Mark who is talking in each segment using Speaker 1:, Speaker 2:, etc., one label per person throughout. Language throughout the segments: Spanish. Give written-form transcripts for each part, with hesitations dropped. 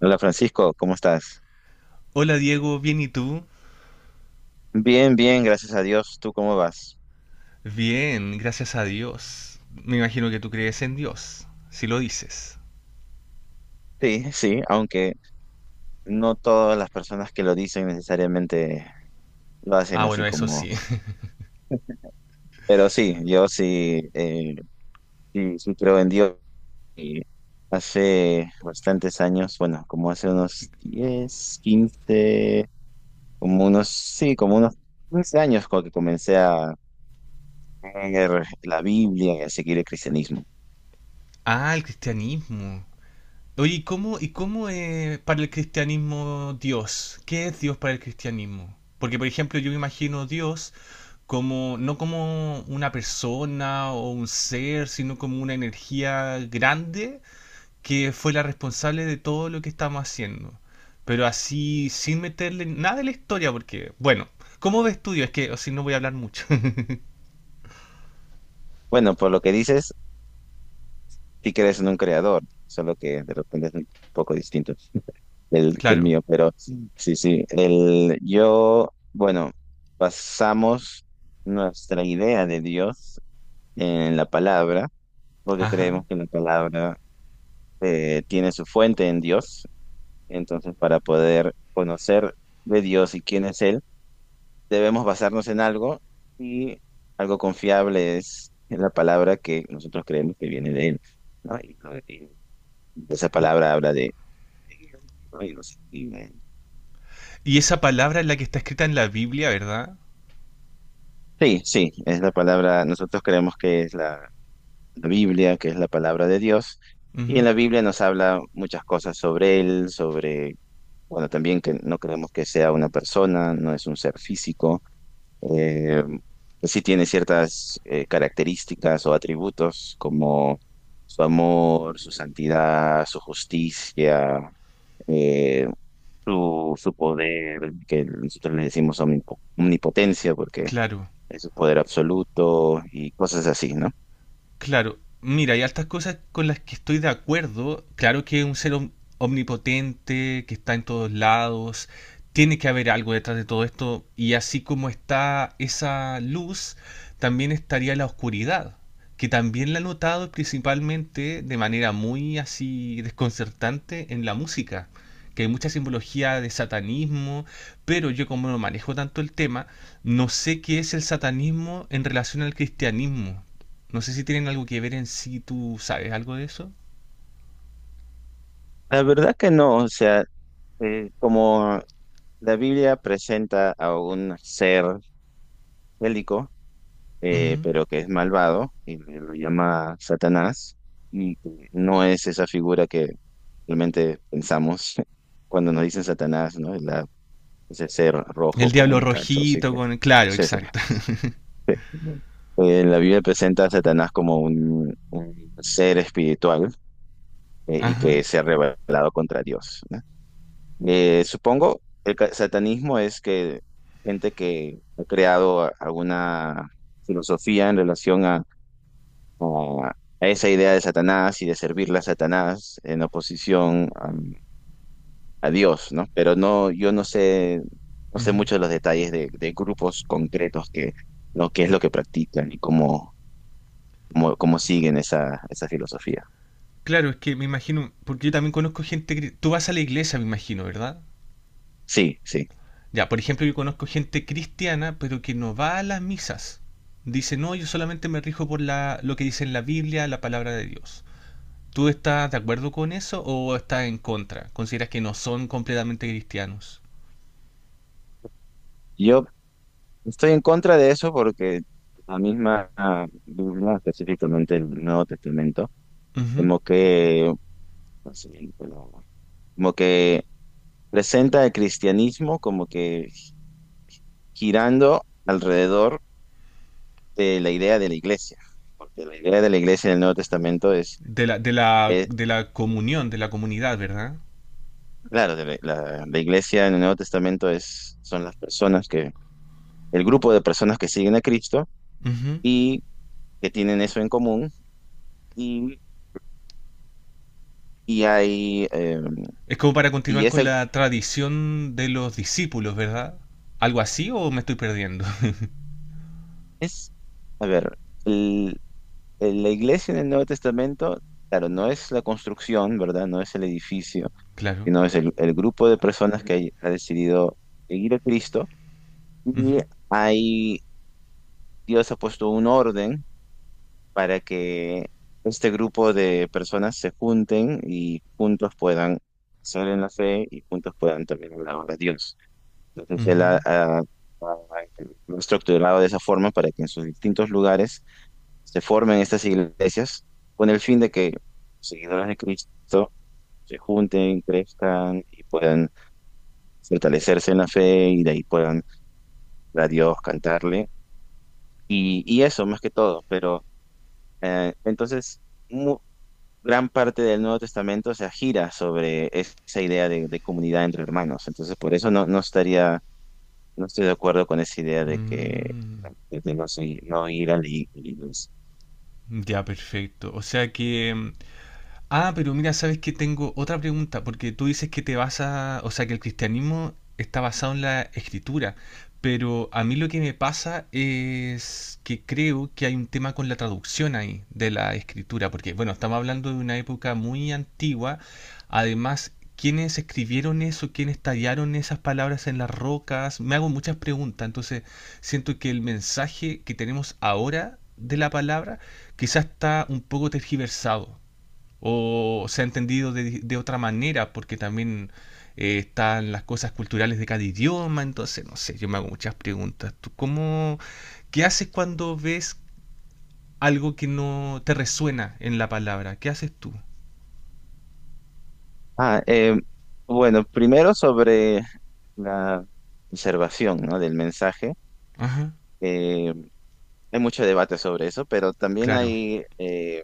Speaker 1: Hola Francisco, ¿cómo estás?
Speaker 2: Hola Diego, bien y tú?
Speaker 1: Bien, bien, gracias a Dios. ¿Tú cómo vas?
Speaker 2: Bien, gracias a Dios. Me imagino que tú crees en Dios, si lo dices.
Speaker 1: Sí, sí, aunque no todas las personas que lo dicen necesariamente lo hacen
Speaker 2: Ah,
Speaker 1: así
Speaker 2: bueno, eso
Speaker 1: como...
Speaker 2: sí.
Speaker 1: Pero sí, yo sí, sí, sí creo en Dios. Y hace bastantes años, bueno, como hace unos 10, 15, como unos, sí, como unos 15 años cuando que comencé a leer la Biblia y a seguir el cristianismo.
Speaker 2: Ah, el cristianismo. Oye, ¿y cómo es para el cristianismo Dios? ¿Qué es Dios para el cristianismo? Porque, por ejemplo, yo me imagino Dios como, no como una persona o un ser, sino como una energía grande que fue la responsable de todo lo que estamos haciendo. Pero así, sin meterle nada de la historia, porque, bueno, ¿cómo de estudio? Es que, o si no voy a hablar mucho.
Speaker 1: Bueno, por lo que dices, sí crees en un creador, solo que de repente es un poco distinto que el
Speaker 2: Claro.
Speaker 1: mío, pero sí, sí, el, yo, bueno, basamos nuestra idea de Dios en la palabra, porque
Speaker 2: Ajá.
Speaker 1: creemos que la palabra tiene su fuente en Dios, entonces para poder conocer de Dios y quién es Él, debemos basarnos en algo y algo confiable es la palabra que nosotros creemos que viene de Él, ¿no? Y- Esa palabra habla de... Ay, no sé.
Speaker 2: Y esa palabra es la que está escrita en la Biblia, ¿verdad?
Speaker 1: Sí, sí, es la palabra, nosotros creemos que es la Biblia, que es la palabra de Dios, y en
Speaker 2: Ujú.
Speaker 1: la Biblia nos habla muchas cosas sobre Él, sobre, bueno, también que no creemos que sea una persona, no es un ser físico, eh, sí tiene ciertas características o atributos como su amor, su santidad, su justicia, eh, su poder, que nosotros le decimos omnipotencia, porque
Speaker 2: Claro.
Speaker 1: es su poder absoluto y cosas así, ¿no?
Speaker 2: Claro, mira, hay altas cosas con las que estoy de acuerdo. Claro que es un ser omnipotente, que está en todos lados. Tiene que haber algo detrás de todo esto. Y así como está esa luz, también estaría la oscuridad, que también la he notado principalmente de manera muy así desconcertante en la música, que hay mucha simbología de satanismo, pero yo como no manejo tanto el tema, no sé qué es el satanismo en relación al cristianismo. No sé si tienen algo que ver en sí, tú sabes algo de eso.
Speaker 1: La verdad que no, o sea, como la Biblia presenta a un ser bélico,
Speaker 2: Ujú.
Speaker 1: pero que es malvado y lo llama Satanás, y que no es esa figura que realmente pensamos cuando nos dicen Satanás, ¿no? Ese ser
Speaker 2: El
Speaker 1: rojo
Speaker 2: diablo
Speaker 1: con cachos y
Speaker 2: rojito
Speaker 1: que...
Speaker 2: con... Claro,
Speaker 1: sí, sí.
Speaker 2: exacto.
Speaker 1: La Biblia presenta a Satanás como un ser espiritual y
Speaker 2: Ajá.
Speaker 1: que se ha rebelado contra Dios, ¿no? Supongo el satanismo es que gente que ha creado alguna filosofía en relación a, a- a esa idea de Satanás y de servirle a Satanás en oposición a Dios, ¿no? Pero no, yo no sé, no sé
Speaker 2: Ujú.
Speaker 1: mucho de los detalles de grupos concretos que lo que es lo que practican y cómo, cómo siguen esa, esa filosofía.
Speaker 2: Claro, es que me imagino, porque yo también conozco gente... Tú vas a la iglesia, me imagino, ¿verdad?
Speaker 1: Sí, sí.
Speaker 2: Ya, por ejemplo, yo conozco gente cristiana, pero que no va a las misas. Dice, no, yo solamente me rijo por la, lo que dice en la Biblia, la palabra de Dios. ¿Tú estás de acuerdo con eso o estás en contra? ¿Consideras que no son completamente cristianos?
Speaker 1: Yo estoy en contra de eso porque la misma Biblia, específicamente el Nuevo Testamento,
Speaker 2: Ujú.
Speaker 1: como que, así, como como que presenta el cristianismo como que girando alrededor de la idea de la iglesia. Porque la idea de la iglesia en el Nuevo Testamento es,
Speaker 2: De la, de la,
Speaker 1: es-
Speaker 2: de la comunión, de la comunidad, ¿verdad?
Speaker 1: claro, de la iglesia en el Nuevo Testamento es, son las personas que, el grupo de personas que siguen a Cristo
Speaker 2: Ujú.
Speaker 1: y que tienen eso en común y, y hay...
Speaker 2: Es como para
Speaker 1: y
Speaker 2: continuar con
Speaker 1: ese...
Speaker 2: la tradición de los discípulos, ¿verdad? ¿Algo así o me estoy perdiendo?
Speaker 1: Es, a ver, el- la iglesia en el Nuevo Testamento, claro, no es la construcción, ¿verdad? No es el edificio,
Speaker 2: Claro.
Speaker 1: sino es el grupo de personas que ha decidido seguir a Cristo. Y
Speaker 2: Ujú,
Speaker 1: ahí Dios ha puesto un orden para que este grupo de personas se junten y juntos puedan ser en la fe y juntos puedan también hablar de Dios. Entonces, Él
Speaker 2: ujú.
Speaker 1: lo ha estructurado de esa forma para que en sus distintos lugares se formen estas iglesias con el fin de que los seguidores de Cristo se junten, crezcan y puedan fortalecerse en la fe y de ahí puedan ver a Dios, cantarle y eso más que todo. Pero entonces, mu- gran parte del Nuevo Testamento se gira sobre esa idea de comunidad entre hermanos. Entonces, por eso no, no estaría, no estoy de acuerdo con esa idea de que
Speaker 2: Mm.
Speaker 1: de no, no ir a la iglesia.
Speaker 2: Ya, perfecto. O sea que ah, pero mira, sabes que tengo otra pregunta, porque tú dices que te basa, o sea, que el cristianismo está basado en la escritura, pero a mí lo que me pasa es que creo que hay un tema con la traducción ahí de la escritura, porque bueno, estamos hablando de una época muy antigua, además, ¿quiénes escribieron eso? ¿Quiénes tallaron esas palabras en las rocas? Me hago muchas preguntas, entonces siento que el mensaje que tenemos ahora de la palabra quizás está un poco tergiversado o se ha entendido de otra manera, porque también están las cosas culturales de cada idioma, entonces no sé, yo me hago muchas preguntas. ¿Tú cómo, qué haces cuando ves algo que no te resuena en la palabra? ¿Qué haces tú?
Speaker 1: Ah, bueno, primero sobre la observación, ¿no? Del mensaje.
Speaker 2: Ajá,
Speaker 1: Eh, Hay mucho debate sobre eso, pero también
Speaker 2: claro.
Speaker 1: hay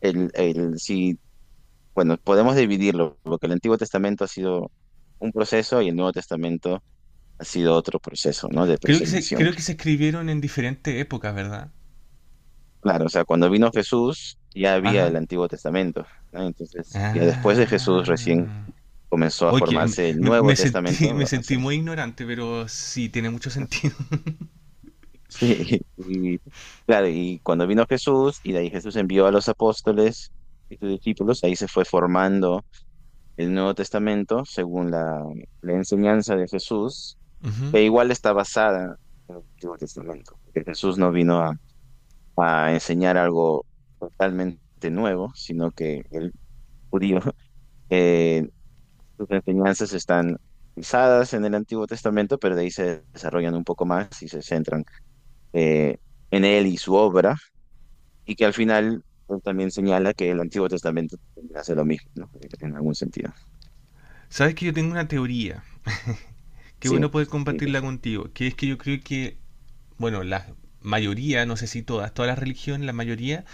Speaker 1: el si, bueno, podemos dividirlo, porque el Antiguo Testamento ha sido un proceso y el Nuevo Testamento ha sido otro proceso, ¿no? De preservación.
Speaker 2: Creo que se escribieron en diferentes épocas, ¿verdad?
Speaker 1: Claro, o sea, cuando vino Jesús ya había el
Speaker 2: Ajá.
Speaker 1: Antiguo Testamento, ¿no? Entonces, ya después de Jesús recién
Speaker 2: Ah.
Speaker 1: comenzó a
Speaker 2: Oye, me,
Speaker 1: formarse el Nuevo
Speaker 2: me
Speaker 1: Testamento,
Speaker 2: sentí, me
Speaker 1: o
Speaker 2: sentí
Speaker 1: sea,
Speaker 2: muy ignorante, pero sí tiene mucho sentido.
Speaker 1: sí, y claro, y cuando vino Jesús, y de ahí Jesús envió a los apóstoles y sus discípulos, ahí se fue formando el Nuevo Testamento según la enseñanza de Jesús,
Speaker 2: Ujú.
Speaker 1: que igual está basada en el Antiguo Testamento, porque Jesús no vino a enseñar algo totalmente nuevo, sino que el judío, eh, sus enseñanzas están basadas en el Antiguo Testamento, pero de ahí se desarrollan un poco más y se centran eh, en él y su obra. Y que al final pues, también señala que el Antiguo Testamento también hace lo mismo, ¿no? En algún sentido.
Speaker 2: Sabes que yo tengo una teoría. Qué
Speaker 1: Sí.
Speaker 2: bueno poder
Speaker 1: Y
Speaker 2: compartirla contigo. Que es que yo creo que, bueno, la mayoría, no sé si todas, todas las religiones, la mayoría,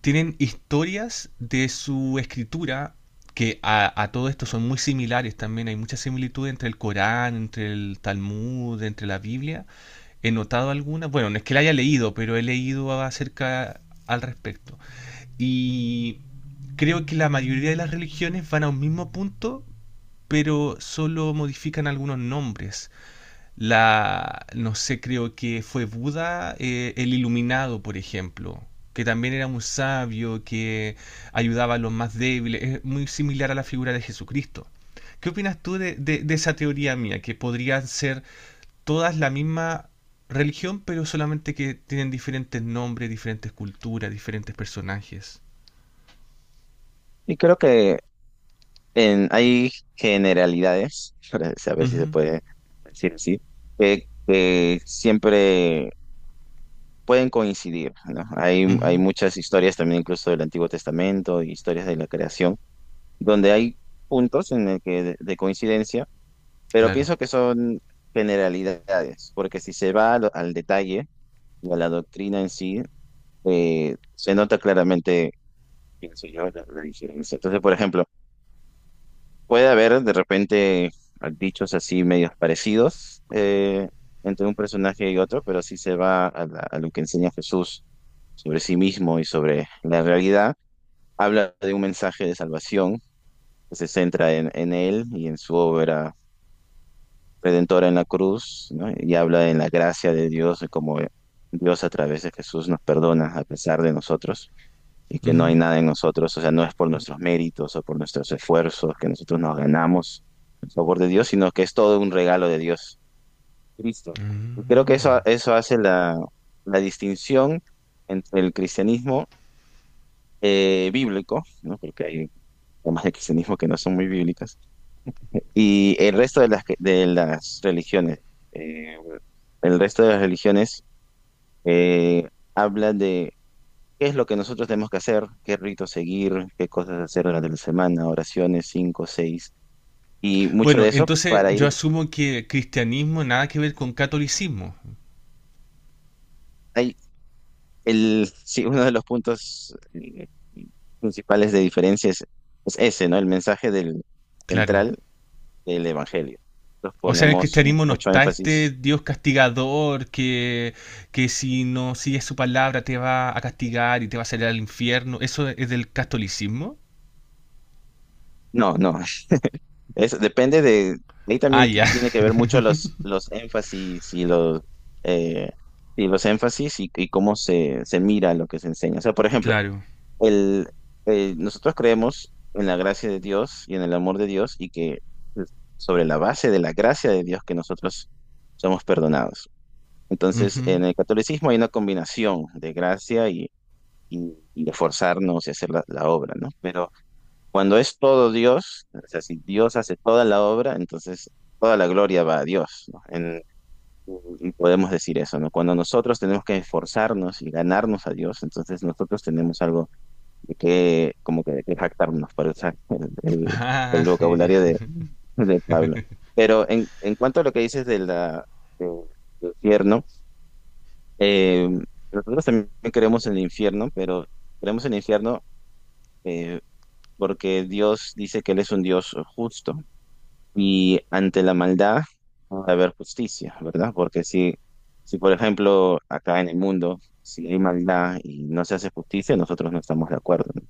Speaker 2: tienen historias de su escritura que a todo esto son muy similares también. Hay mucha similitud entre el Corán, entre el Talmud, entre la Biblia. He notado algunas, bueno, no es que la haya leído, pero he leído acerca al respecto. Y creo que la mayoría de las religiones van a un mismo punto, pero solo modifican algunos nombres. La, no sé, creo que fue Buda, el iluminado, por ejemplo, que también era un sabio, que ayudaba a los más débiles, es muy similar a la figura de Jesucristo. ¿Qué opinas tú de, de esa teoría mía, que podrían ser todas la misma religión, pero solamente que tienen diferentes nombres, diferentes culturas, diferentes personajes?
Speaker 1: y creo que en, hay generalidades, para saber si se
Speaker 2: Ujú,
Speaker 1: puede decir así, que siempre pueden coincidir, ¿no? Hay
Speaker 2: ujú,
Speaker 1: muchas historias también incluso del Antiguo Testamento, historias de la creación, donde hay puntos en el que de coincidencia, pero
Speaker 2: claro.
Speaker 1: pienso que son generalidades, porque si se va a al detalle y a la doctrina en sí, se nota claramente, pienso yo, la diferencia. Entonces, por ejemplo, puede haber de repente dichos así medios parecidos entre un personaje y otro, pero si se va a, a lo que enseña Jesús sobre sí mismo y sobre la realidad, habla de un mensaje de salvación que se centra en él y en su obra redentora en la cruz, ¿no? Y habla en la gracia de Dios, de cómo Dios a través de Jesús nos perdona a pesar de nosotros, y que no hay
Speaker 2: Ujú,
Speaker 1: nada en nosotros, o sea, no es por nuestros méritos o por nuestros esfuerzos que nosotros nos ganamos el favor de Dios, sino que es todo un regalo de Dios. Cristo. Y creo que
Speaker 2: mm.
Speaker 1: eso hace la distinción entre el cristianismo bíblico, ¿no? Porque hay formas de cristianismo que no son muy bíblicas, y el resto de de las religiones. Eh, el resto de las religiones eh, habla de... ¿Qué es lo que nosotros tenemos que hacer? ¿Qué rito seguir? ¿Qué cosas hacer durante la semana? Oraciones, cinco, seis. Y mucho
Speaker 2: Bueno,
Speaker 1: de eso
Speaker 2: entonces
Speaker 1: para
Speaker 2: yo
Speaker 1: ir...
Speaker 2: asumo que cristianismo nada que ver con catolicismo.
Speaker 1: Hay el, sí, uno de los puntos principales de diferencia es ese, ¿no? El mensaje del
Speaker 2: Claro.
Speaker 1: central del Evangelio. Nosotros
Speaker 2: O sea, en el
Speaker 1: ponemos
Speaker 2: cristianismo no
Speaker 1: mucho
Speaker 2: está este
Speaker 1: énfasis.
Speaker 2: Dios castigador que si no sigues su palabra te va a castigar y te va a salir al infierno. ¿Eso es del catolicismo?
Speaker 1: No, no. Es, depende de... Ahí
Speaker 2: Ah,
Speaker 1: también
Speaker 2: ya,
Speaker 1: tiene que ver mucho los énfasis eh, y los énfasis y cómo se mira lo que se enseña. O sea, por ejemplo,
Speaker 2: claro.
Speaker 1: el, nosotros creemos en la gracia de Dios y en el amor de Dios y que pues, sobre la base de la gracia de Dios que nosotros somos perdonados. Entonces,
Speaker 2: Ujú.
Speaker 1: en el catolicismo hay una combinación de gracia y esforzarnos y hacer la obra, ¿no? Pero cuando es todo Dios, o sea, si Dios hace toda la obra, entonces toda la gloria va a Dios, ¿no? Y podemos decir eso, ¿no? Cuando nosotros tenemos que esforzarnos y ganarnos a Dios, entonces nosotros tenemos algo de qué, como que de qué jactarnos, para usar el
Speaker 2: Ah, ya,
Speaker 1: vocabulario de Pablo. Pero en cuanto a lo que dices de de- del infierno, eh, nosotros también creemos en el infierno, pero creemos en el infierno eh, porque Dios dice que Él es un Dios justo y ante la maldad ha de haber justicia, ¿verdad? Porque si, si, por ejemplo, acá en el mundo, si hay maldad y no se hace justicia, nosotros no estamos de acuerdo, ¿no?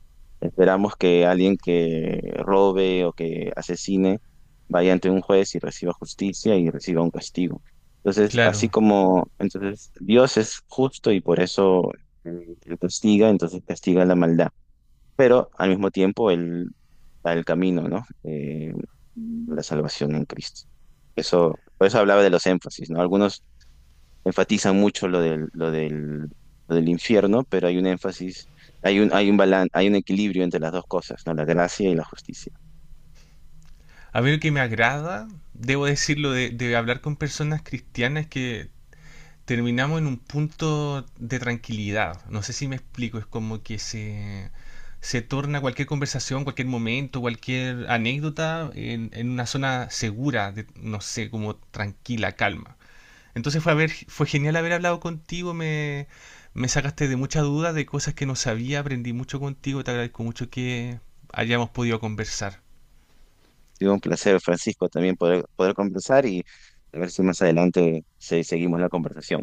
Speaker 1: Esperamos que alguien que robe o que asesine vaya ante un juez y reciba justicia y reciba un castigo. Entonces, así
Speaker 2: claro.
Speaker 1: como, entonces, Dios es justo y por eso él castiga, entonces castiga la maldad, pero al mismo tiempo el camino, ¿no? La salvación en Cristo. Eso, por eso hablaba de los énfasis, ¿no? Algunos enfatizan mucho lo del infierno, pero hay un énfasis, hay un, hay un hay un equilibrio entre las dos cosas, ¿no? La gracia y la justicia.
Speaker 2: A mí lo que me agrada, debo decirlo, de hablar con personas cristianas que terminamos en un punto de tranquilidad. No sé si me explico, es como que se torna cualquier conversación, cualquier momento, cualquier anécdota en una zona segura, de, no sé, como tranquila, calma. Entonces fue, haber, fue genial haber hablado contigo, me sacaste de muchas dudas, de cosas que no sabía, aprendí mucho contigo, te agradezco mucho que hayamos podido conversar.
Speaker 1: Ha sido un placer, Francisco, también poder, poder conversar y a ver si más adelante seguimos la conversación.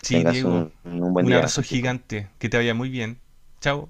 Speaker 1: Que
Speaker 2: Sí,
Speaker 1: tengas
Speaker 2: Diego,
Speaker 1: un buen
Speaker 2: un
Speaker 1: día,
Speaker 2: abrazo
Speaker 1: Francisco.
Speaker 2: gigante, que te vaya muy bien. Chao.